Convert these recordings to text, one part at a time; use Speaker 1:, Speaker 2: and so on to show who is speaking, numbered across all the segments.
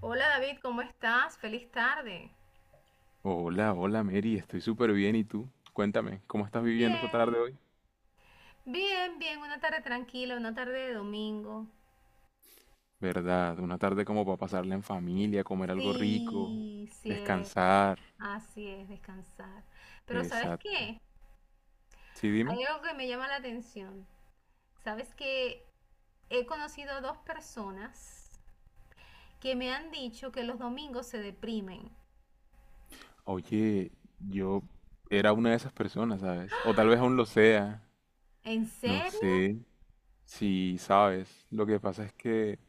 Speaker 1: Hola David, ¿cómo estás? Feliz tarde.
Speaker 2: Hola, hola Mary, estoy súper bien. ¿Y tú? Cuéntame, ¿cómo estás viviendo esta tarde
Speaker 1: Bien.
Speaker 2: hoy?
Speaker 1: Bien, bien, una tarde tranquila, una tarde de domingo.
Speaker 2: ¿Verdad? Una tarde como para pasarla en familia, comer algo rico,
Speaker 1: Sí, cierto.
Speaker 2: descansar.
Speaker 1: Así es, descansar. Pero ¿sabes
Speaker 2: Exacto.
Speaker 1: qué?
Speaker 2: Sí, dime.
Speaker 1: Hay algo que me llama la atención. ¿Sabes que He conocido dos personas que me han dicho que los domingos se deprimen.
Speaker 2: Oye, yo era una de esas personas, ¿sabes? O tal vez aún lo sea.
Speaker 1: ¿En
Speaker 2: No
Speaker 1: serio?
Speaker 2: sé si sabes. Lo que pasa es que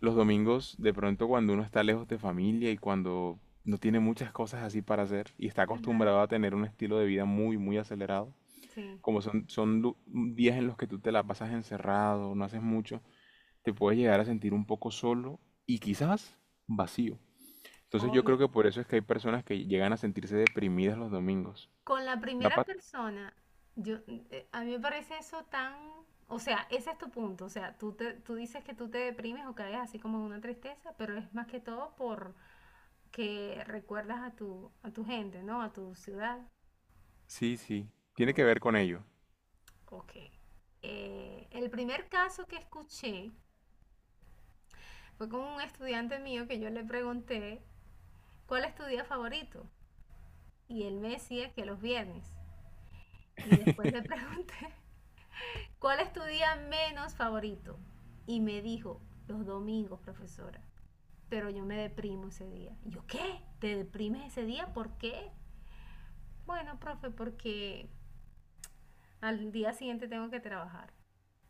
Speaker 2: los domingos, de pronto cuando uno está lejos de familia y cuando no tiene muchas cosas así para hacer y está
Speaker 1: Ajá,
Speaker 2: acostumbrado a tener un estilo de vida muy, muy acelerado,
Speaker 1: sí.
Speaker 2: como son, son lu- mm, días en los que tú te la pasas encerrado, no haces mucho, te puedes llegar a sentir un poco solo y quizás vacío. Entonces yo creo
Speaker 1: Oye.
Speaker 2: que por eso es que hay personas que llegan a sentirse deprimidas los domingos.
Speaker 1: Con la
Speaker 2: Me ha
Speaker 1: primera
Speaker 2: pa-
Speaker 1: persona, yo, a mí me parece eso tan, o sea, ese es tu punto, o sea, tú dices que tú te deprimes o caes así como en una tristeza, pero es más que todo por que recuerdas a tu gente, ¿no? A tu ciudad.
Speaker 2: Sí, sí, tiene
Speaker 1: O-
Speaker 2: que ver con ello.
Speaker 1: Ok. El primer caso que escuché fue con un estudiante mío que yo le pregunté, ¿cuál es tu día favorito? Y él me decía que los viernes. Y después le pregunté ¿Cuál es tu día menos favorito? Y me dijo, los domingos, profesora. Pero yo me deprimo ese día. Y yo, ¿qué? ¿Te deprimes ese día? ¿Por qué? Bueno, profe, porque al día siguiente tengo que trabajar.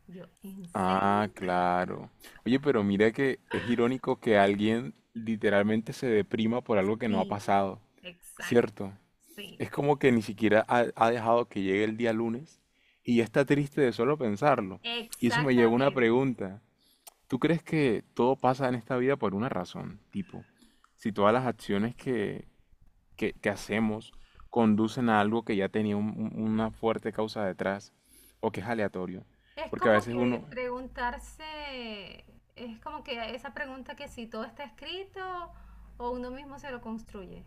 Speaker 1: Yo, ¿en serio?
Speaker 2: Ah, claro. Oye, pero mira que es irónico que alguien literalmente se deprima por algo que no ha
Speaker 1: Sí,
Speaker 2: pasado,
Speaker 1: exacto.
Speaker 2: ¿cierto?
Speaker 1: Sí,
Speaker 2: Es como que ni
Speaker 1: exacto.
Speaker 2: siquiera ha dejado que llegue el día lunes y ya está triste de solo pensarlo. Y eso me lleva a una
Speaker 1: Exactamente.
Speaker 2: pregunta. ¿Tú crees que todo pasa en esta vida por una razón? Tipo, si todas las acciones que hacemos conducen a algo que ya tenía una fuerte causa detrás o que es aleatorio.
Speaker 1: Es
Speaker 2: Porque a
Speaker 1: como
Speaker 2: veces
Speaker 1: que
Speaker 2: uno,
Speaker 1: preguntarse, es como que esa pregunta que si todo está escrito o uno mismo se lo construye.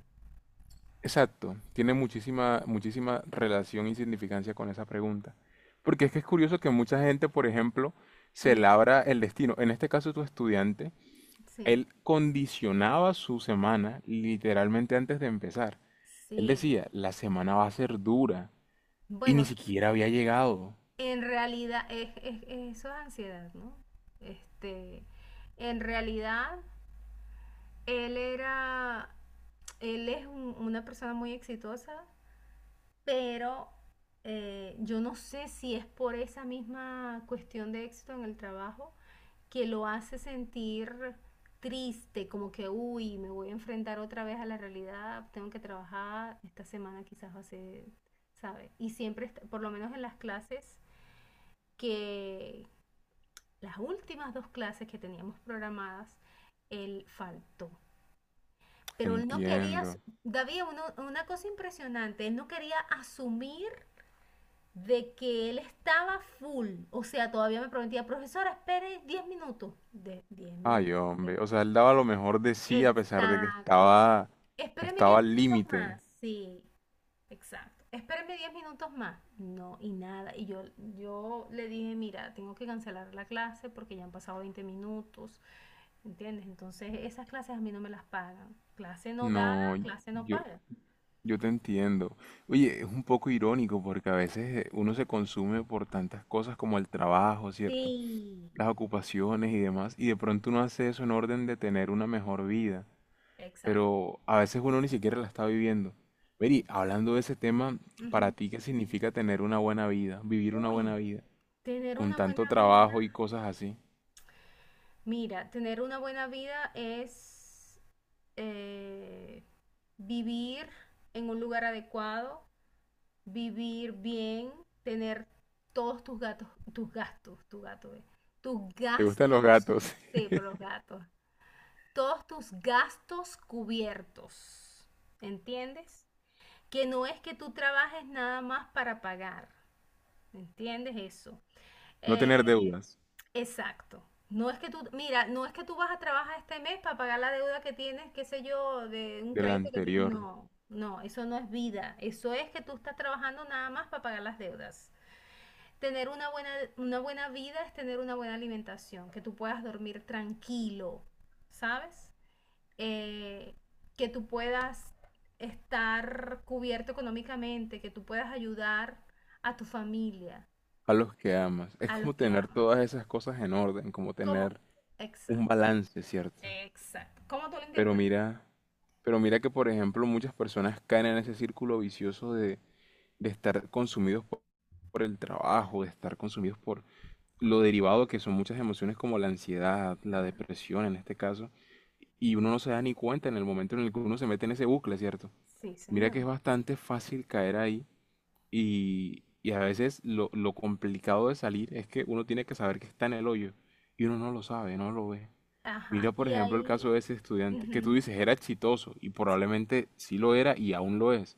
Speaker 2: exacto, tiene muchísima, muchísima relación y significancia con esa pregunta. Porque es que es curioso que mucha gente, por ejemplo, se
Speaker 1: Ujú.
Speaker 2: labra el destino. En este caso, tu estudiante,
Speaker 1: Sí,
Speaker 2: él condicionaba su semana literalmente antes de empezar. Él
Speaker 1: sí.
Speaker 2: decía, la semana va a ser dura y ni
Speaker 1: Bueno,
Speaker 2: siquiera había llegado.
Speaker 1: en realidad eso es ansiedad, ¿no? Este, en realidad él era, él es una persona muy exitosa, pero yo no sé si es por esa misma cuestión de éxito en el trabajo que lo hace sentir triste, como que, uy, me voy a enfrentar otra vez a la realidad, tengo que trabajar, esta semana quizás va a ser, ¿sabe? Y siempre, por lo menos en las clases que, las últimas dos clases que teníamos programadas, él faltó. Pero él no quería,
Speaker 2: Entiendo.
Speaker 1: David, una cosa impresionante, él no quería asumir de que él estaba full. O sea, todavía me prometía, profesora, espere 10 minutos. De 10
Speaker 2: Ay,
Speaker 1: minutos. Sí.
Speaker 2: hombre, o sea, él daba lo mejor de sí a pesar de que
Speaker 1: Exacto.
Speaker 2: estaba,
Speaker 1: Espéreme
Speaker 2: estaba
Speaker 1: 10
Speaker 2: al
Speaker 1: minutos
Speaker 2: límite.
Speaker 1: más. Sí, exacto. Espéreme diez minutos más. No, y nada. Y yo le dije, mira, tengo que cancelar la clase porque ya han pasado 20 minutos. ¿Entiendes? Entonces esas clases a mí no me las pagan. Clase no dada,
Speaker 2: No,
Speaker 1: clase no
Speaker 2: yo,
Speaker 1: paga.
Speaker 2: Yo te entiendo. Oye, es un poco irónico porque a veces uno se consume por tantas cosas como el trabajo, ¿cierto?
Speaker 1: Sí.
Speaker 2: Las ocupaciones y demás, y de pronto uno hace eso en orden de tener una mejor vida,
Speaker 1: Exacto,
Speaker 2: pero a veces uno ni siquiera la está viviendo. Mary,
Speaker 1: exacto.
Speaker 2: hablando de ese tema, ¿para
Speaker 1: Ujú.
Speaker 2: ti qué significa tener una buena vida, vivir una buena
Speaker 1: Uy,
Speaker 2: vida,
Speaker 1: tener
Speaker 2: con
Speaker 1: una
Speaker 2: tanto
Speaker 1: buena vida,
Speaker 2: trabajo y cosas así?
Speaker 1: mira, tener una buena vida es eh, vivir en un lugar adecuado, vivir bien, tener todos tus gatos, tus gastos, tus gatos, tus
Speaker 2: ¿Te gustan los
Speaker 1: gastos,
Speaker 2: gatos?
Speaker 1: sí, por los gatos, todos tus gastos cubiertos. ¿Entiendes? Que no es que tú trabajes nada más para pagar. ¿Entiendes eso?
Speaker 2: No
Speaker 1: Eh,
Speaker 2: tener deudas
Speaker 1: exacto. No es que tú, mira, no es que tú vas a trabajar este mes para pagar la deuda que tienes, qué sé yo, de un
Speaker 2: del
Speaker 1: crédito
Speaker 2: anterior,
Speaker 1: No, no, eso no es vida. Eso es que tú estás trabajando nada más para pagar las deudas. Tener una buena vida es tener una buena alimentación, que tú puedas dormir tranquilo, ¿sabes? eh, que tú puedas estar cubierto económicamente, que tú puedas ayudar a tu familia,
Speaker 2: a los que amas. Es
Speaker 1: a los
Speaker 2: como
Speaker 1: que
Speaker 2: tener todas
Speaker 1: amas.
Speaker 2: esas cosas en orden, como
Speaker 1: ¿Cómo?
Speaker 2: tener un
Speaker 1: Exacto,
Speaker 2: balance, ¿cierto?
Speaker 1: exacto. ¿Cómo tú lo
Speaker 2: Pero
Speaker 1: interpretas?
Speaker 2: mira, pero mira que, por ejemplo, muchas personas caen en ese círculo vicioso de estar consumidos por el trabajo, de estar consumidos por lo derivado que son muchas emociones como la ansiedad, la
Speaker 1: Claro.
Speaker 2: depresión en este caso, y uno no se da ni cuenta en el momento en el que uno se mete en ese bucle, ¿cierto?
Speaker 1: Sí,
Speaker 2: Mira que es
Speaker 1: señor.
Speaker 2: bastante fácil caer ahí y a veces lo complicado de salir es que uno tiene que saber que está en el hoyo y uno no lo sabe, no lo ve. Mira,
Speaker 1: Ajá,
Speaker 2: por
Speaker 1: y
Speaker 2: ejemplo, el
Speaker 1: ahí,
Speaker 2: caso de ese estudiante, que tú
Speaker 1: ujú,
Speaker 2: dices era exitoso y
Speaker 1: sí.
Speaker 2: probablemente sí lo era y aún lo es.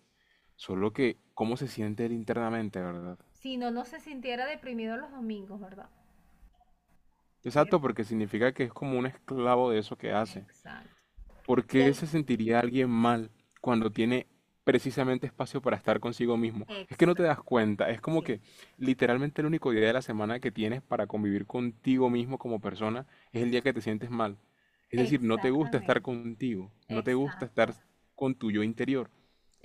Speaker 2: Solo que, ¿cómo se siente él internamente, verdad?
Speaker 1: Si no, no se sintiera deprimido los domingos, ¿verdad?
Speaker 2: Exacto,
Speaker 1: ¿Cierto?
Speaker 2: porque significa que es como un esclavo de eso que hace.
Speaker 1: Exacto.
Speaker 2: ¿Por
Speaker 1: Y
Speaker 2: qué
Speaker 1: el,
Speaker 2: se sentiría alguien mal cuando tiene precisamente espacio para estar consigo mismo? Es que no te das
Speaker 1: exacto,
Speaker 2: cuenta, es como
Speaker 1: sí.
Speaker 2: que literalmente el único día de la semana que tienes para convivir contigo mismo como persona es el día que te sientes mal. Es decir, no te gusta estar
Speaker 1: Exactamente.
Speaker 2: contigo, no te gusta estar
Speaker 1: Exacto,
Speaker 2: con tu yo interior.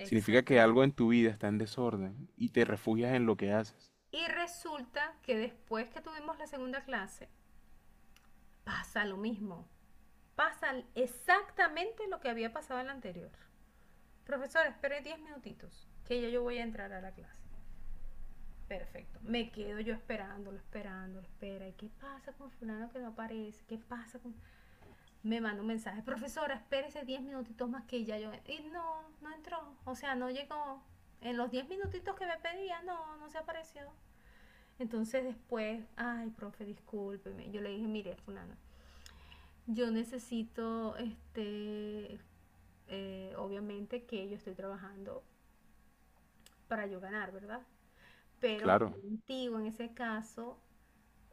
Speaker 2: Significa que algo en tu vida está en desorden y te refugias en lo que haces.
Speaker 1: Y resulta que después que tuvimos la segunda clase, pasa lo mismo. Pasa exactamente lo que había pasado en la anterior. Profesor, espere 10 minutitos, que ya yo voy a entrar a la clase. Perfecto. Me quedo yo esperándolo, esperándolo, espera. ¿Y qué pasa con fulano que no aparece? ¿Qué pasa con...? Me manda un mensaje. Profesora, espérese 10 minutitos más que ya yo... Y no, no entró. O sea, no llegó. En los 10 minutitos que me pedía, no, no se apareció. Entonces después, ay, profe, discúlpeme. Yo le dije, mire, fulana, yo necesito, obviamente que yo estoy trabajando para yo ganar, ¿verdad? Pero
Speaker 2: Claro,
Speaker 1: contigo en ese caso,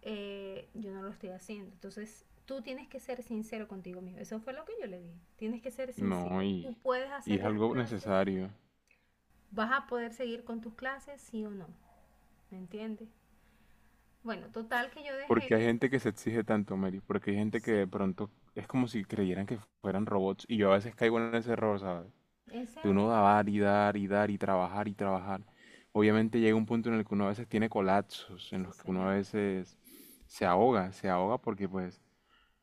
Speaker 1: yo no lo estoy haciendo. Entonces, tú tienes que ser sincero contigo mismo. Eso fue lo que yo le dije. Tienes que ser
Speaker 2: no,
Speaker 1: sincero.
Speaker 2: y,
Speaker 1: Tú puedes
Speaker 2: y
Speaker 1: hacer
Speaker 2: es
Speaker 1: las
Speaker 2: algo
Speaker 1: clases.
Speaker 2: necesario.
Speaker 1: ¿Vas a poder seguir con tus clases, sí o no? ¿Me entiendes? Bueno, total que yo dejé.
Speaker 2: Porque hay gente que se exige tanto, Mary, porque hay gente que
Speaker 1: Sí.
Speaker 2: de pronto es como si creyeran que fueran robots y yo a veces caigo en ese error, ¿sabes?
Speaker 1: ¿En
Speaker 2: De
Speaker 1: serio?
Speaker 2: uno dar y dar y dar y trabajar y trabajar. Obviamente llega un punto en el que uno a veces tiene colapsos, en
Speaker 1: Sí,
Speaker 2: los que uno a
Speaker 1: señor.
Speaker 2: veces se ahoga porque pues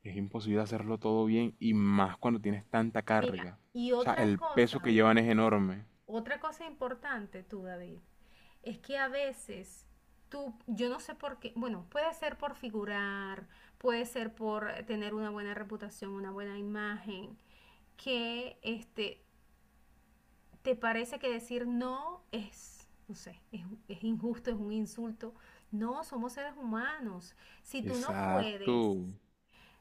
Speaker 2: es imposible hacerlo todo bien y más cuando tienes tanta
Speaker 1: Mira,
Speaker 2: carga.
Speaker 1: y
Speaker 2: O sea, el peso que llevan es enorme.
Speaker 1: otra cosa importante tú, David, es que a veces yo no sé por qué, bueno, puede ser por figurar, puede ser por tener una buena reputación, una buena imagen, que te parece que decir no es, no sé, es injusto, es un insulto. No, somos seres humanos. Si tú no
Speaker 2: Exacto.
Speaker 1: puedes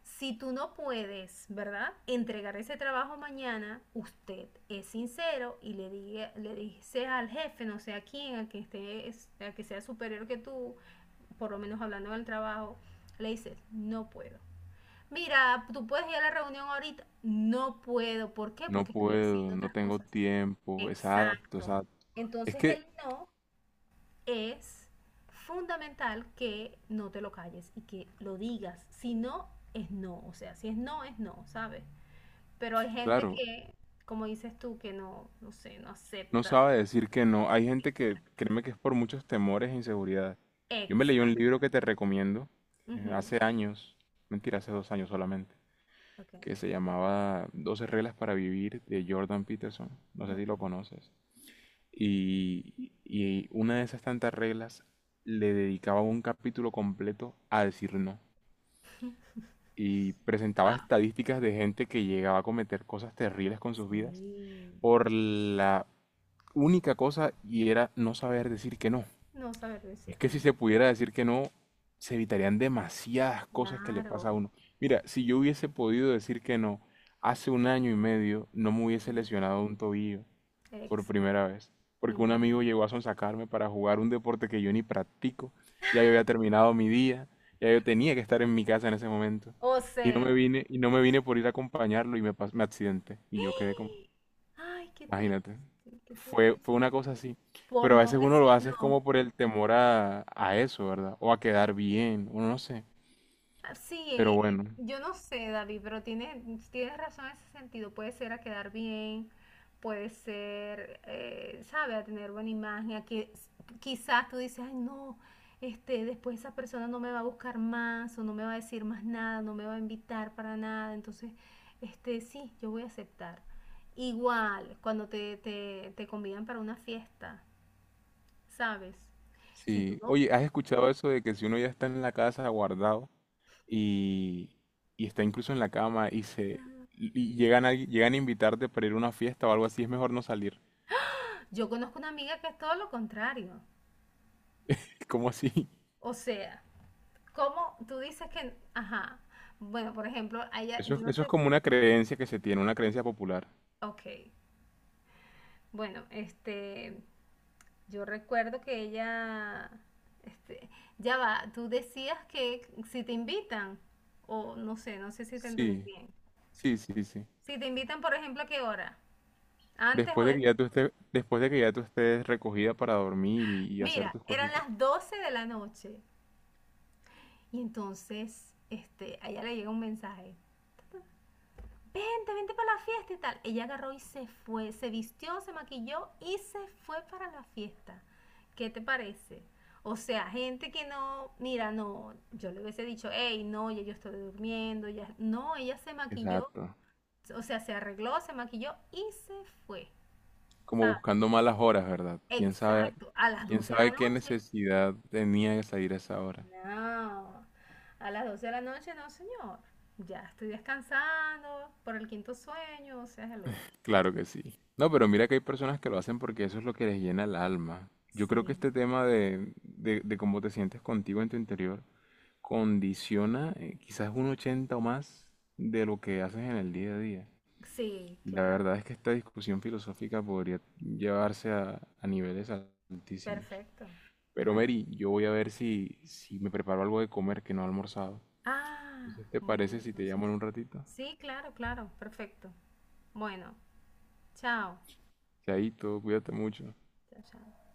Speaker 1: Si tú no puedes, ¿verdad? Entregar ese trabajo mañana, usted es sincero y le dice al jefe, no sé a quién, al que sea superior que tú, por lo menos hablando del trabajo, le dices, no puedo. Mira, tú puedes ir a la reunión ahorita. No puedo. ¿Por qué?
Speaker 2: No
Speaker 1: Porque estoy
Speaker 2: puedo,
Speaker 1: haciendo
Speaker 2: no
Speaker 1: otras
Speaker 2: tengo
Speaker 1: cosas.
Speaker 2: tiempo. Exacto,
Speaker 1: Exacto.
Speaker 2: exacto. Es
Speaker 1: Entonces
Speaker 2: que,
Speaker 1: el no es fundamental que no te lo calles y que lo digas. Si no, es no. O sea, si es no, es no, ¿sabes? Pero hay gente
Speaker 2: claro,
Speaker 1: que, como dices tú, que no, no sé, no
Speaker 2: no
Speaker 1: acepta.
Speaker 2: sabe decir que no. Hay gente que,
Speaker 1: Exacto.
Speaker 2: créeme que es por muchos temores e inseguridades. Yo me leí un
Speaker 1: Exacto.
Speaker 2: libro que te recomiendo,
Speaker 1: Ujú.
Speaker 2: hace años, mentira, hace 2 años solamente,
Speaker 1: Ok,
Speaker 2: que se llamaba 12 reglas para vivir de Jordan Peterson. No sé si
Speaker 1: ok.
Speaker 2: lo conoces. Y, y una de esas tantas reglas le dedicaba un capítulo completo a decir no. Y presentaba
Speaker 1: Va.
Speaker 2: estadísticas de gente que llegaba a cometer cosas terribles con sus vidas
Speaker 1: Sí.
Speaker 2: por la única cosa y era no saber decir que no.
Speaker 1: No saber
Speaker 2: Es
Speaker 1: decir
Speaker 2: que
Speaker 1: que
Speaker 2: si
Speaker 1: no.
Speaker 2: se pudiera decir que no, se evitarían demasiadas cosas que le pasa a
Speaker 1: Claro.
Speaker 2: uno. Mira, si yo hubiese podido decir que no hace un año y medio, no me hubiese
Speaker 1: Ujú.
Speaker 2: lesionado un tobillo por
Speaker 1: Exacto.
Speaker 2: primera vez, porque un amigo
Speaker 1: Imagínate.
Speaker 2: llegó a sonsacarme para jugar un deporte que yo ni practico. Ya yo había terminado mi día, ya yo tenía que estar en mi casa en ese momento.
Speaker 1: O
Speaker 2: Y no me
Speaker 1: sea.
Speaker 2: vine, y no me vine por ir a acompañarlo y me, me accidenté. Y yo quedé como,
Speaker 1: Ay, qué
Speaker 2: imagínate.
Speaker 1: triste, qué
Speaker 2: Fue, fue una
Speaker 1: terrible.
Speaker 2: cosa así.
Speaker 1: Por
Speaker 2: Pero a
Speaker 1: no
Speaker 2: veces uno
Speaker 1: decir
Speaker 2: lo hace es
Speaker 1: no.
Speaker 2: como por el temor a eso, ¿verdad? O a quedar bien, uno no sé.
Speaker 1: Ah, sí,
Speaker 2: Pero bueno,
Speaker 1: yo no sé, David, pero tienes razón en ese sentido. Puede ser a quedar bien, puede ser, sabe, a tener buena imagen, quizás tú dices, ay, no, después esa persona no me va a buscar más o no me va a decir más nada, no me va a invitar para nada. Entonces, sí, yo voy a aceptar. Igual, cuando te convidan para una fiesta, ¿sabes? Si tú
Speaker 2: sí.
Speaker 1: no...
Speaker 2: Oye, ¿has escuchado eso de que si uno ya está en la casa guardado y, y está incluso en la cama y se y llegan a invitarte para ir a una fiesta o algo así, es mejor no salir?
Speaker 1: Yo conozco una amiga que es todo lo contrario.
Speaker 2: ¿Cómo así?
Speaker 1: O sea, ¿cómo tú dices que, ajá, bueno, por ejemplo, a ella, yo no
Speaker 2: Eso es
Speaker 1: sé,
Speaker 2: como una creencia que se tiene, una creencia popular.
Speaker 1: ok, bueno, yo recuerdo que ella, este, ya va, tú decías que si te invitan, o no sé si te entendí
Speaker 2: Sí,
Speaker 1: bien,
Speaker 2: sí, sí, sí.
Speaker 1: si te invitan, por ejemplo, ¿a qué hora? Antes o
Speaker 2: Después de que
Speaker 1: después.
Speaker 2: ya tú estés, después de que ya tú estés recogida para dormir y hacer
Speaker 1: Mira,
Speaker 2: tus
Speaker 1: eran
Speaker 2: cositas.
Speaker 1: las 12 de la noche y entonces, a ella le llega un mensaje. Vente, vente para la fiesta y tal. Ella agarró y se fue, se vistió, se maquilló y se fue para la fiesta. ¿Qué te parece? O sea, gente que no, mira, no, yo le hubiese dicho, hey, no, ya yo estoy durmiendo, ya, no, ella se maquilló,
Speaker 2: Exacto.
Speaker 1: o sea, se arregló, se maquilló y se fue,
Speaker 2: Como
Speaker 1: ¿sabes?
Speaker 2: buscando malas horas, ¿verdad?
Speaker 1: Exacto, a las
Speaker 2: Quién
Speaker 1: 12 de la
Speaker 2: sabe qué
Speaker 1: noche.
Speaker 2: necesidad tenía de salir a esa hora?
Speaker 1: No, a las 12 de la noche no, señor. Ya estoy descansando por el quinto sueño, o sea, hello.
Speaker 2: Claro que sí. No, pero mira que hay personas que lo hacen porque eso es lo que les llena el alma. Yo creo que
Speaker 1: Sí.
Speaker 2: este tema de cómo te sientes contigo en tu interior condiciona quizás un 80 o más de lo que haces en el día a día.
Speaker 1: Sí,
Speaker 2: Y la
Speaker 1: claro.
Speaker 2: verdad es que esta discusión filosófica podría llevarse a niveles altísimos.
Speaker 1: Perfecto.
Speaker 2: Pero
Speaker 1: Bueno.
Speaker 2: Mary, yo voy a ver si me preparo algo de comer que no he almorzado.
Speaker 1: Ah,
Speaker 2: ¿Te
Speaker 1: bueno,
Speaker 2: parece si te
Speaker 1: entonces.
Speaker 2: llamo en un ratito?
Speaker 1: Sí, claro, claro. Perfecto. Bueno, chao.
Speaker 2: Chaito, cuídate mucho.
Speaker 1: Chao, chao.